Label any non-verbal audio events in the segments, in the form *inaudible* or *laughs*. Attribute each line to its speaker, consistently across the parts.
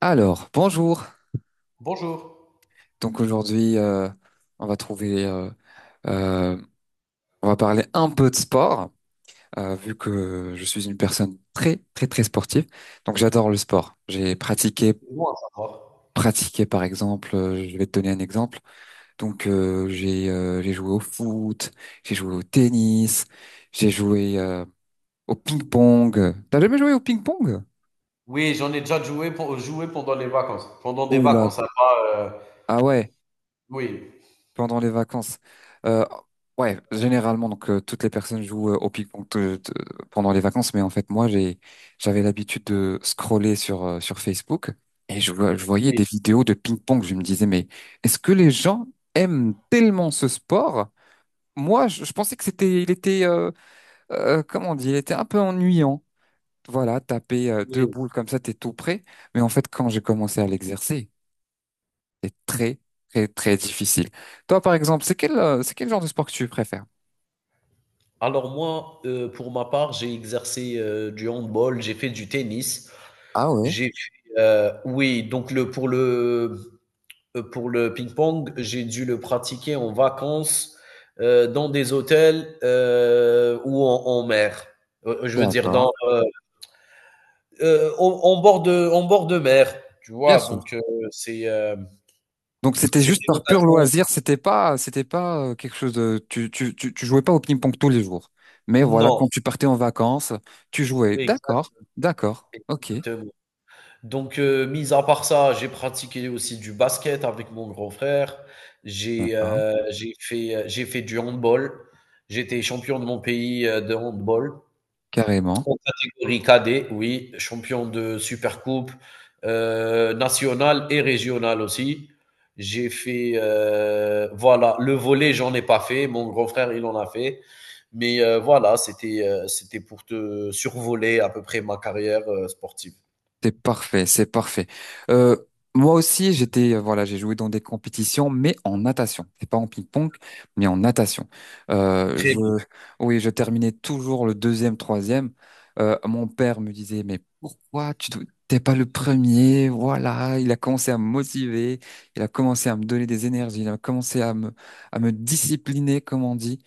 Speaker 1: Alors, bonjour.
Speaker 2: Bonjour.
Speaker 1: Donc aujourd'hui, on va trouver, euh, on va parler un peu de sport, vu que je suis une personne très, très, très sportive. Donc j'adore le sport. J'ai pratiqué,
Speaker 2: Moi ça va?
Speaker 1: pratiqué par exemple, je vais te donner un exemple. Donc j'ai joué au foot, j'ai joué au tennis, j'ai joué au ping-pong. T'as jamais joué au ping-pong?
Speaker 2: Oui, j'en ai déjà joué, joué pendant les vacances. Pendant des
Speaker 1: Oula.
Speaker 2: vacances, ça va.
Speaker 1: Ah ouais.
Speaker 2: Oui,
Speaker 1: Pendant les vacances. Euh, ouais, généralement, donc toutes les personnes jouent au ping-pong pendant les vacances, mais en fait, moi, j'avais l'habitude de scroller sur sur Facebook et je voyais des
Speaker 2: oui,
Speaker 1: vidéos de ping-pong. Je me disais, mais est-ce que les gens aiment tellement ce sport? Moi, je pensais que comment on dit, il était un peu ennuyant. Voilà, taper deux
Speaker 2: oui.
Speaker 1: boules comme ça, t'es tout prêt. Mais en fait, quand j'ai commencé à l'exercer, c'est très, très, très difficile. Toi, par exemple, c'est quel genre de sport que tu préfères?
Speaker 2: Alors moi, pour ma part, j'ai exercé du handball, j'ai fait du tennis,
Speaker 1: Ah ouais,
Speaker 2: j'ai fait, oui, donc le pour le pour le ping-pong, j'ai dû le pratiquer en vacances dans des hôtels ou en mer. Je veux dire
Speaker 1: d'accord.
Speaker 2: dans en, en bord de mer, tu
Speaker 1: Bien
Speaker 2: vois.
Speaker 1: sûr.
Speaker 2: Donc c'est
Speaker 1: Donc, c'était juste
Speaker 2: c'était
Speaker 1: par pur
Speaker 2: l'occasion.
Speaker 1: loisir, c'était pas quelque chose de, tu jouais pas au ping-pong tous les jours. Mais voilà, quand
Speaker 2: Non,
Speaker 1: tu partais en vacances, tu jouais.
Speaker 2: exact
Speaker 1: D'accord, d'accord, ok,
Speaker 2: exactement. Donc mis à part ça, j'ai pratiqué aussi du basket avec mon grand frère. J'ai,
Speaker 1: d'accord.
Speaker 2: j'ai fait du handball. J'étais champion de mon pays, de handball,
Speaker 1: Carrément.
Speaker 2: en catégorie cadet, oui, champion de Supercoupe nationale et régionale aussi. J'ai fait, voilà, le volley j'en ai pas fait. Mon grand frère, il en a fait. Mais voilà, c'était pour te survoler à peu près ma carrière sportive.
Speaker 1: C'est parfait, c'est parfait. Euh, moi aussi, voilà, j'ai joué dans des compétitions, mais en natation. C'est pas en ping-pong, mais en natation. Euh,
Speaker 2: Très
Speaker 1: je,
Speaker 2: bien.
Speaker 1: oui, je terminais toujours le deuxième, troisième. Mon père me disait, mais t'es pas le premier? Voilà, il a commencé à me motiver, il a commencé à me donner des énergies, il a commencé à me discipliner, comme on dit.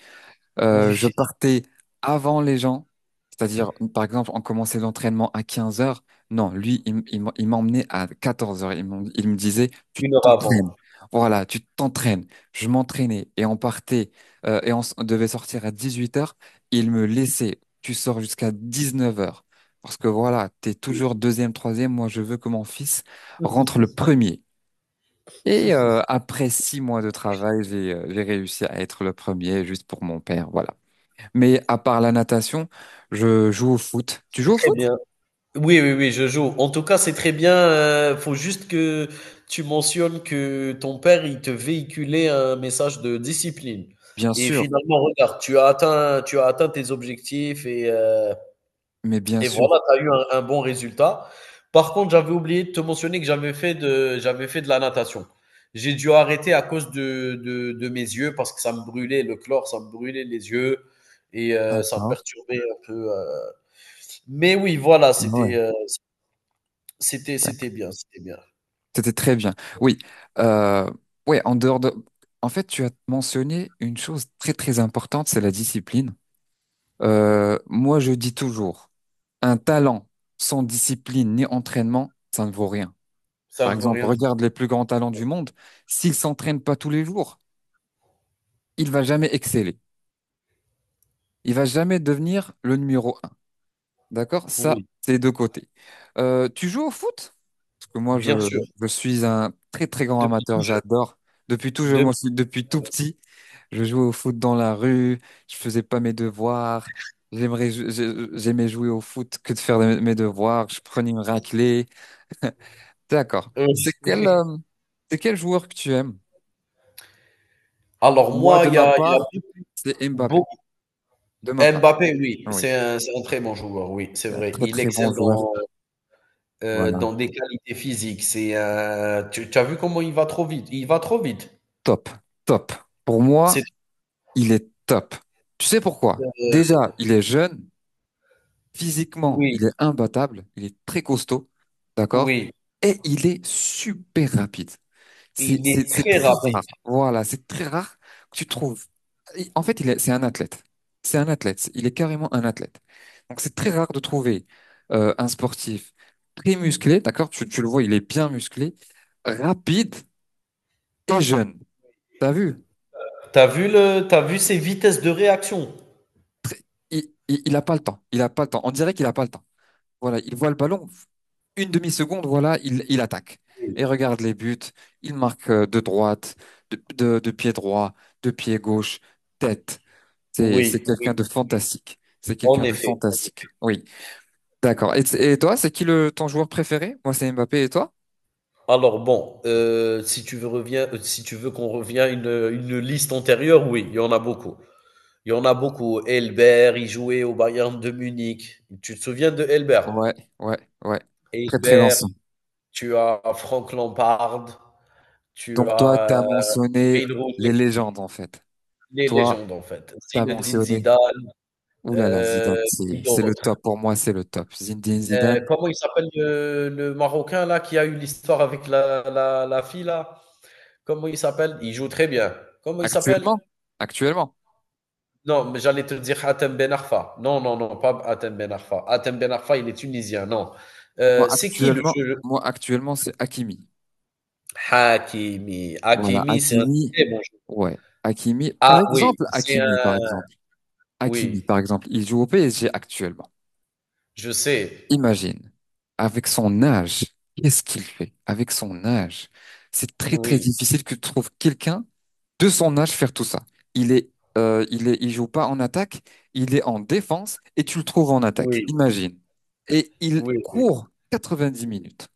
Speaker 1: Je
Speaker 2: Oui,
Speaker 1: partais avant les gens, c'est-à-dire, par exemple, on commençait l'entraînement à 15 heures. Non, lui, il m'emmenait à 14 heures. Il me disait, tu
Speaker 2: une heure
Speaker 1: t'entraînes.
Speaker 2: avant.
Speaker 1: Voilà, tu t'entraînes. Je m'entraînais et on partait on devait sortir à 18 heures. Il me laissait, tu sors jusqu'à 19 heures. Parce que voilà, t'es toujours deuxième, troisième. Moi, je veux que mon fils rentre le premier. Et après 6 mois de travail, j'ai réussi à être le premier juste pour mon père. Voilà. Mais à part la natation, je joue au foot. Tu
Speaker 2: C'est
Speaker 1: joues au
Speaker 2: très
Speaker 1: foot?
Speaker 2: bien. Oui, oui, oui, je joue. En tout cas, c'est très bien. Faut juste que tu mentionnes que ton père, il te véhiculait un message de discipline.
Speaker 1: Bien
Speaker 2: Et
Speaker 1: sûr,
Speaker 2: finalement, regarde, tu as atteint tes objectifs
Speaker 1: mais bien
Speaker 2: et
Speaker 1: sûr.
Speaker 2: voilà, tu as eu un bon résultat. Par contre, j'avais oublié de te mentionner que j'avais fait de la natation. J'ai dû arrêter à cause de mes yeux parce que ça me brûlait le chlore, ça me brûlait les yeux et ça me
Speaker 1: D'accord.
Speaker 2: perturbait un peu. Mais oui, voilà,
Speaker 1: Ouais, d'accord.
Speaker 2: c'était bien, c'était bien.
Speaker 1: C'était très bien. Oui. Euh, ouais, en dehors de... En fait, tu as mentionné une chose très très importante, c'est la discipline. Moi, je dis toujours, un talent sans discipline ni entraînement, ça ne vaut rien.
Speaker 2: Ça
Speaker 1: Par
Speaker 2: me veut
Speaker 1: exemple,
Speaker 2: rien dire.
Speaker 1: regarde les plus grands talents du monde. S'il s'entraîne pas tous les jours, il va jamais exceller. Il va jamais devenir le numéro. D'accord? Ça,
Speaker 2: Oui,
Speaker 1: c'est deux côtés. Tu joues au foot? Parce que
Speaker 2: bien sûr,
Speaker 1: je suis un très, très grand
Speaker 2: depuis tout
Speaker 1: amateur.
Speaker 2: jeune.
Speaker 1: J'adore. Moi,
Speaker 2: Depuis
Speaker 1: aussi, depuis tout petit, je jouais au foot dans la rue. Je faisais pas mes devoirs. J'aimais jouer au foot que de faire mes devoirs. Je prenais une raclée. D'accord.
Speaker 2: heu,
Speaker 1: C'est quel joueur que tu aimes?
Speaker 2: alors
Speaker 1: Moi,
Speaker 2: moi,
Speaker 1: de ma
Speaker 2: il y a
Speaker 1: part, c'est Mbappé.
Speaker 2: beaucoup.
Speaker 1: De ma part.
Speaker 2: Mbappé, oui,
Speaker 1: Oui.
Speaker 2: c'est un très bon joueur, oui, c'est
Speaker 1: Un
Speaker 2: vrai.
Speaker 1: très,
Speaker 2: Il
Speaker 1: très bon
Speaker 2: excelle
Speaker 1: joueur.
Speaker 2: dans,
Speaker 1: Voilà.
Speaker 2: dans des qualités physiques. C'est un, tu as vu comment il va trop vite? Il va trop vite.
Speaker 1: Top. Top. Pour
Speaker 2: C'est
Speaker 1: moi, il est top. Tu sais pourquoi?
Speaker 2: heu,
Speaker 1: Déjà, il est jeune, physiquement, il est
Speaker 2: oui,
Speaker 1: imbattable, il est très costaud, d'accord?
Speaker 2: oui,
Speaker 1: Et il est super rapide.
Speaker 2: il est
Speaker 1: C'est
Speaker 2: très
Speaker 1: très
Speaker 2: rapide.
Speaker 1: rare. Voilà, c'est très rare que tu trouves. En fait, c'est un athlète. C'est un athlète. Il est carrément un athlète. Donc, c'est très rare de trouver un sportif très musclé, d'accord? Tu le vois, il est bien musclé, rapide et jeune. T'as vu?
Speaker 2: T'as vu ses vitesses de réaction?
Speaker 1: Il a pas le temps. Il a pas le temps. On dirait qu'il a pas le temps. Voilà, il voit le ballon. Une demi-seconde, voilà, il attaque. Et
Speaker 2: Oui,
Speaker 1: regarde les buts. Il marque de pied droit, de pied gauche, tête. C'est
Speaker 2: oui, oui,
Speaker 1: quelqu'un de fantastique. C'est
Speaker 2: en
Speaker 1: quelqu'un de
Speaker 2: effet.
Speaker 1: fantastique. Oui, d'accord. Et toi, ton joueur préféré? Moi, c'est Mbappé et toi?
Speaker 2: Alors bon, si tu veux reviens si tu veux qu'on revient une liste antérieure, oui, il y en a beaucoup. Il y en a beaucoup. Elbert, il jouait au Bayern de Munich. Tu te souviens de Elbert?
Speaker 1: Ouais, ouais, ouais. Très, très
Speaker 2: Elbert,
Speaker 1: lanceur.
Speaker 2: tu as Frank Lampard, tu
Speaker 1: Donc, toi, t'as
Speaker 2: as,
Speaker 1: mentionné
Speaker 2: Wayne Rooney,
Speaker 1: les légendes, en fait.
Speaker 2: les
Speaker 1: Toi,
Speaker 2: légendes en fait.
Speaker 1: t'as
Speaker 2: Zinedine
Speaker 1: mentionné.
Speaker 2: Zidane,
Speaker 1: Ouh là là,
Speaker 2: heu,
Speaker 1: Zidane,
Speaker 2: qui
Speaker 1: c'est le
Speaker 2: d'autre?
Speaker 1: top. Pour moi, c'est le top. Zinedine Zidane.
Speaker 2: Comment il s'appelle le Marocain là qui a eu l'histoire avec la fille là? Comment il s'appelle? Il joue très bien. Comment il s'appelle?
Speaker 1: Actuellement, actuellement,
Speaker 2: Non, mais j'allais te dire Hatem Ben Arfa. Non, non, non, pas Hatem Ben Arfa. Hatem Ben Arfa, il est tunisien, non.
Speaker 1: moi
Speaker 2: C'est qui le
Speaker 1: actuellement,
Speaker 2: jeu?
Speaker 1: moi actuellement, c'est Hakimi.
Speaker 2: Hakimi.
Speaker 1: Voilà,
Speaker 2: Hakimi, c'est un
Speaker 1: Hakimi,
Speaker 2: très bon jeu.
Speaker 1: ouais, Hakimi.
Speaker 2: Ah oui, c'est un...
Speaker 1: Hakimi, par
Speaker 2: Oui,
Speaker 1: exemple, il joue au PSG actuellement.
Speaker 2: je sais.
Speaker 1: Imagine, avec son âge, qu'est-ce qu'il fait? Avec son âge, c'est très très
Speaker 2: Oui,
Speaker 1: difficile que tu trouves quelqu'un de son âge faire tout ça. Il est, il joue pas en attaque, il est en défense et tu le trouves en attaque.
Speaker 2: oui,
Speaker 1: Imagine. Et il
Speaker 2: oui, oui,
Speaker 1: court 90 minutes.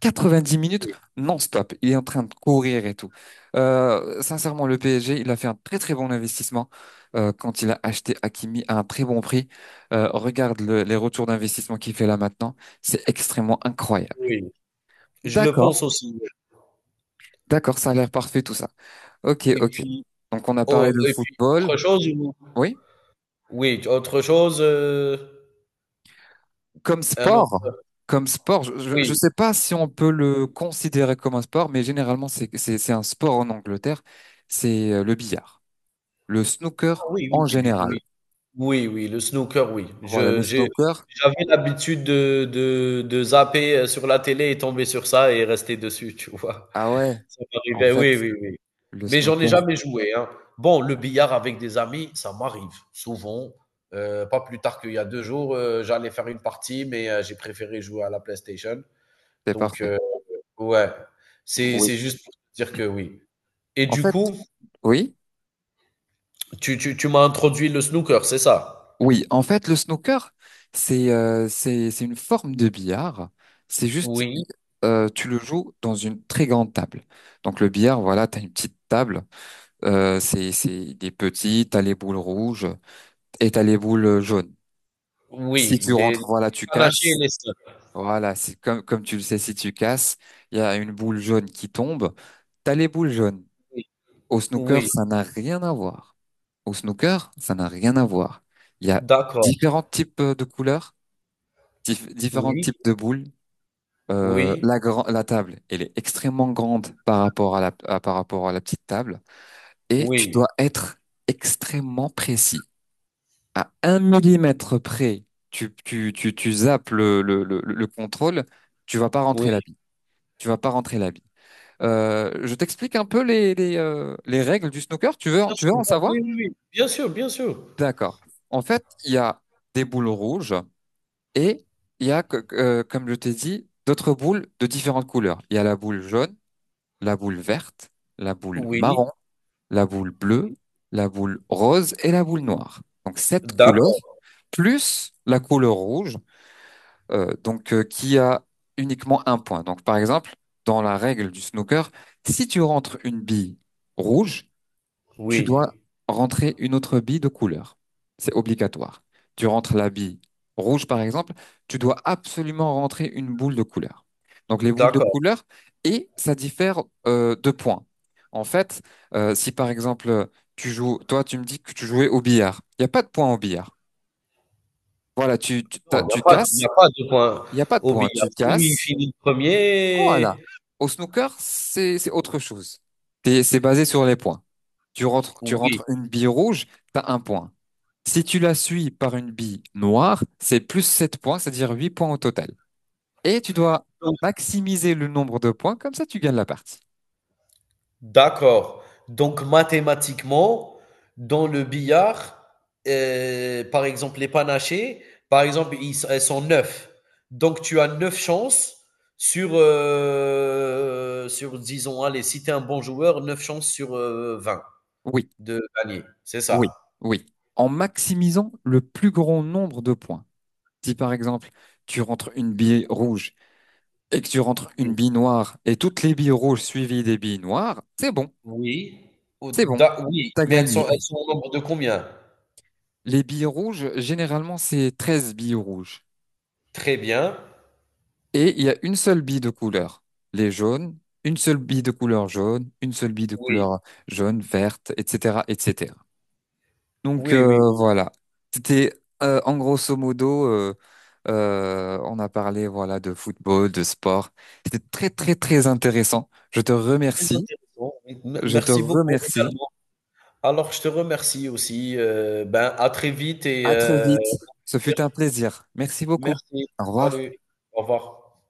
Speaker 1: 90 minutes
Speaker 2: oui,
Speaker 1: non-stop. Il est en train de courir et tout. Sincèrement, le PSG, il a fait un très très bon investissement quand il a acheté Hakimi à un très bon prix. Les retours d'investissement qu'il fait là maintenant. C'est extrêmement incroyable.
Speaker 2: oui. Je le
Speaker 1: D'accord,
Speaker 2: pense aussi.
Speaker 1: d'accord, ça a l'air parfait tout ça. Ok,
Speaker 2: Et
Speaker 1: ok.
Speaker 2: puis,
Speaker 1: Donc on a
Speaker 2: oh,
Speaker 1: parlé de
Speaker 2: et puis autre
Speaker 1: football.
Speaker 2: chose? Ou...
Speaker 1: Oui,
Speaker 2: oui, autre chose?
Speaker 1: comme
Speaker 2: Un
Speaker 1: sport.
Speaker 2: autre...
Speaker 1: Comme sport, je ne
Speaker 2: oui,
Speaker 1: sais pas si on peut le considérer comme un sport, mais généralement, c'est un sport en Angleterre, c'est le billard. Le
Speaker 2: ah,
Speaker 1: snooker
Speaker 2: oui,
Speaker 1: en
Speaker 2: oui, oui, oui,
Speaker 1: général.
Speaker 2: oui. Oui, oui, le snooker, oui.
Speaker 1: Voilà,
Speaker 2: Je
Speaker 1: le
Speaker 2: J'ai,
Speaker 1: snooker.
Speaker 2: j'avais l'habitude de zapper, sur la télé et tomber sur ça et rester dessus, tu vois?
Speaker 1: Ah ouais,
Speaker 2: *laughs* Ça
Speaker 1: en
Speaker 2: m'arrivait,
Speaker 1: fait,
Speaker 2: oui, oui, oui.
Speaker 1: le
Speaker 2: Mais j'en ai
Speaker 1: snooker,
Speaker 2: jamais joué, hein. Bon, le billard avec des amis, ça m'arrive souvent, pas plus tard qu'il y a 2 jours, j'allais faire une partie, mais j'ai préféré jouer à la PlayStation.
Speaker 1: c'est
Speaker 2: Donc
Speaker 1: parfait.
Speaker 2: ouais, c'est
Speaker 1: Oui.
Speaker 2: juste pour dire que oui. Et
Speaker 1: En
Speaker 2: du
Speaker 1: fait,
Speaker 2: coup,
Speaker 1: oui,
Speaker 2: tu m'as introduit le snooker, c'est ça?
Speaker 1: oui. En fait, le snooker, c'est une forme de billard. C'est juste,
Speaker 2: Oui.
Speaker 1: tu le joues dans une très grande table. Donc le billard, voilà, t'as une petite table. C'est des petits. T'as les boules rouges et t'as les boules jaunes. Si
Speaker 2: Oui,
Speaker 1: tu rentres, voilà,
Speaker 2: les
Speaker 1: tu
Speaker 2: panaches et
Speaker 1: casses.
Speaker 2: les sacs.
Speaker 1: Voilà, c'est comme, comme tu le sais, si tu casses, il y a une boule jaune qui tombe. T'as les boules jaunes.
Speaker 2: Oui,
Speaker 1: Au snooker,
Speaker 2: oui,
Speaker 1: ça n'a rien à voir. Au snooker, ça n'a rien à voir. Il y a
Speaker 2: d'accord.
Speaker 1: différents types de couleurs, différents
Speaker 2: Oui,
Speaker 1: types de boules.
Speaker 2: oui,
Speaker 1: La table, elle est extrêmement grande par rapport à par rapport à la petite table. Et tu
Speaker 2: oui,
Speaker 1: dois être extrêmement précis. À un millimètre près, tu zappes le contrôle, tu vas pas rentrer la
Speaker 2: oui.
Speaker 1: tu vas pas rentrer la bille. Je t'explique un peu les règles du snooker.
Speaker 2: Bien
Speaker 1: Tu
Speaker 2: sûr,
Speaker 1: veux en
Speaker 2: bon,
Speaker 1: savoir?
Speaker 2: oui, oui, oui. Bien sûr, bien sûr.
Speaker 1: D'accord. En fait, il y a des boules rouges et il y a, comme je t'ai dit, d'autres boules de différentes couleurs. Il y a la boule jaune, la boule verte, la boule
Speaker 2: Oui,
Speaker 1: marron, la boule bleue,
Speaker 2: oui.
Speaker 1: la boule rose et la boule noire. Donc, sept couleurs
Speaker 2: D'accord,
Speaker 1: plus la couleur rouge. Qui a uniquement un point. Donc par exemple, dans la règle du snooker, si tu rentres une bille rouge, tu dois
Speaker 2: oui,
Speaker 1: rentrer une autre bille de couleur. C'est obligatoire. Tu rentres la bille rouge par exemple, tu dois absolument rentrer une boule de couleur. Donc les boules de
Speaker 2: d'accord.
Speaker 1: couleur et ça diffère de points. En fait, si par exemple tu joues, toi tu me dis que tu jouais au billard, il n'y a pas de points au billard. Voilà,
Speaker 2: Non,
Speaker 1: tu
Speaker 2: il n'y
Speaker 1: casses.
Speaker 2: a pas de point
Speaker 1: Il n'y a pas de
Speaker 2: au
Speaker 1: points.
Speaker 2: billard.
Speaker 1: Tu
Speaker 2: Celui qui
Speaker 1: casses,
Speaker 2: finit
Speaker 1: voilà.
Speaker 2: 1er,
Speaker 1: Au snooker, c'est autre chose. C'est basé sur les points. Tu
Speaker 2: oui.
Speaker 1: rentres une bille rouge, t'as un point. Si tu la suis par une bille noire, c'est plus 7 points, c'est-à-dire 8 points au total. Et tu dois maximiser le nombre de points, comme ça tu gagnes la partie.
Speaker 2: D'accord. Donc mathématiquement, dans le billard, par exemple, les panachés, par exemple, ils elles sont 9. Donc tu as 9 chances sur, sur disons, allez, si tu es un bon joueur, 9 chances sur, 20
Speaker 1: Oui,
Speaker 2: de gagner, c'est ça?
Speaker 1: oui, oui. En maximisant le plus grand nombre de points. Si par exemple, tu rentres une bille rouge et que tu rentres une
Speaker 2: Oui.
Speaker 1: bille noire et toutes les billes rouges suivies des billes noires, c'est bon,
Speaker 2: Oui. Ou
Speaker 1: c'est bon.
Speaker 2: d'a oui,
Speaker 1: T'as
Speaker 2: mais
Speaker 1: gagné.
Speaker 2: elles sont au nombre de combien?
Speaker 1: Les billes rouges, généralement, c'est 13 billes rouges.
Speaker 2: Très bien.
Speaker 1: Et il y a une seule bille de couleur. Les jaunes, une seule bille de couleur jaune, une seule bille de
Speaker 2: Oui.
Speaker 1: couleur jaune, verte, etc., etc. Donc,
Speaker 2: Oui, oui, oui,
Speaker 1: voilà. C'était, en grosso modo, on a parlé, voilà, de football, de sport. C'était très, très, très intéressant. Je te
Speaker 2: très
Speaker 1: remercie.
Speaker 2: intéressant. M
Speaker 1: Je te
Speaker 2: Merci beaucoup
Speaker 1: remercie.
Speaker 2: également. Alors, je te remercie aussi. Ben, à très vite et
Speaker 1: À très vite. Ce fut un plaisir. Merci beaucoup.
Speaker 2: merci.
Speaker 1: Au revoir.
Speaker 2: Salut. Au revoir.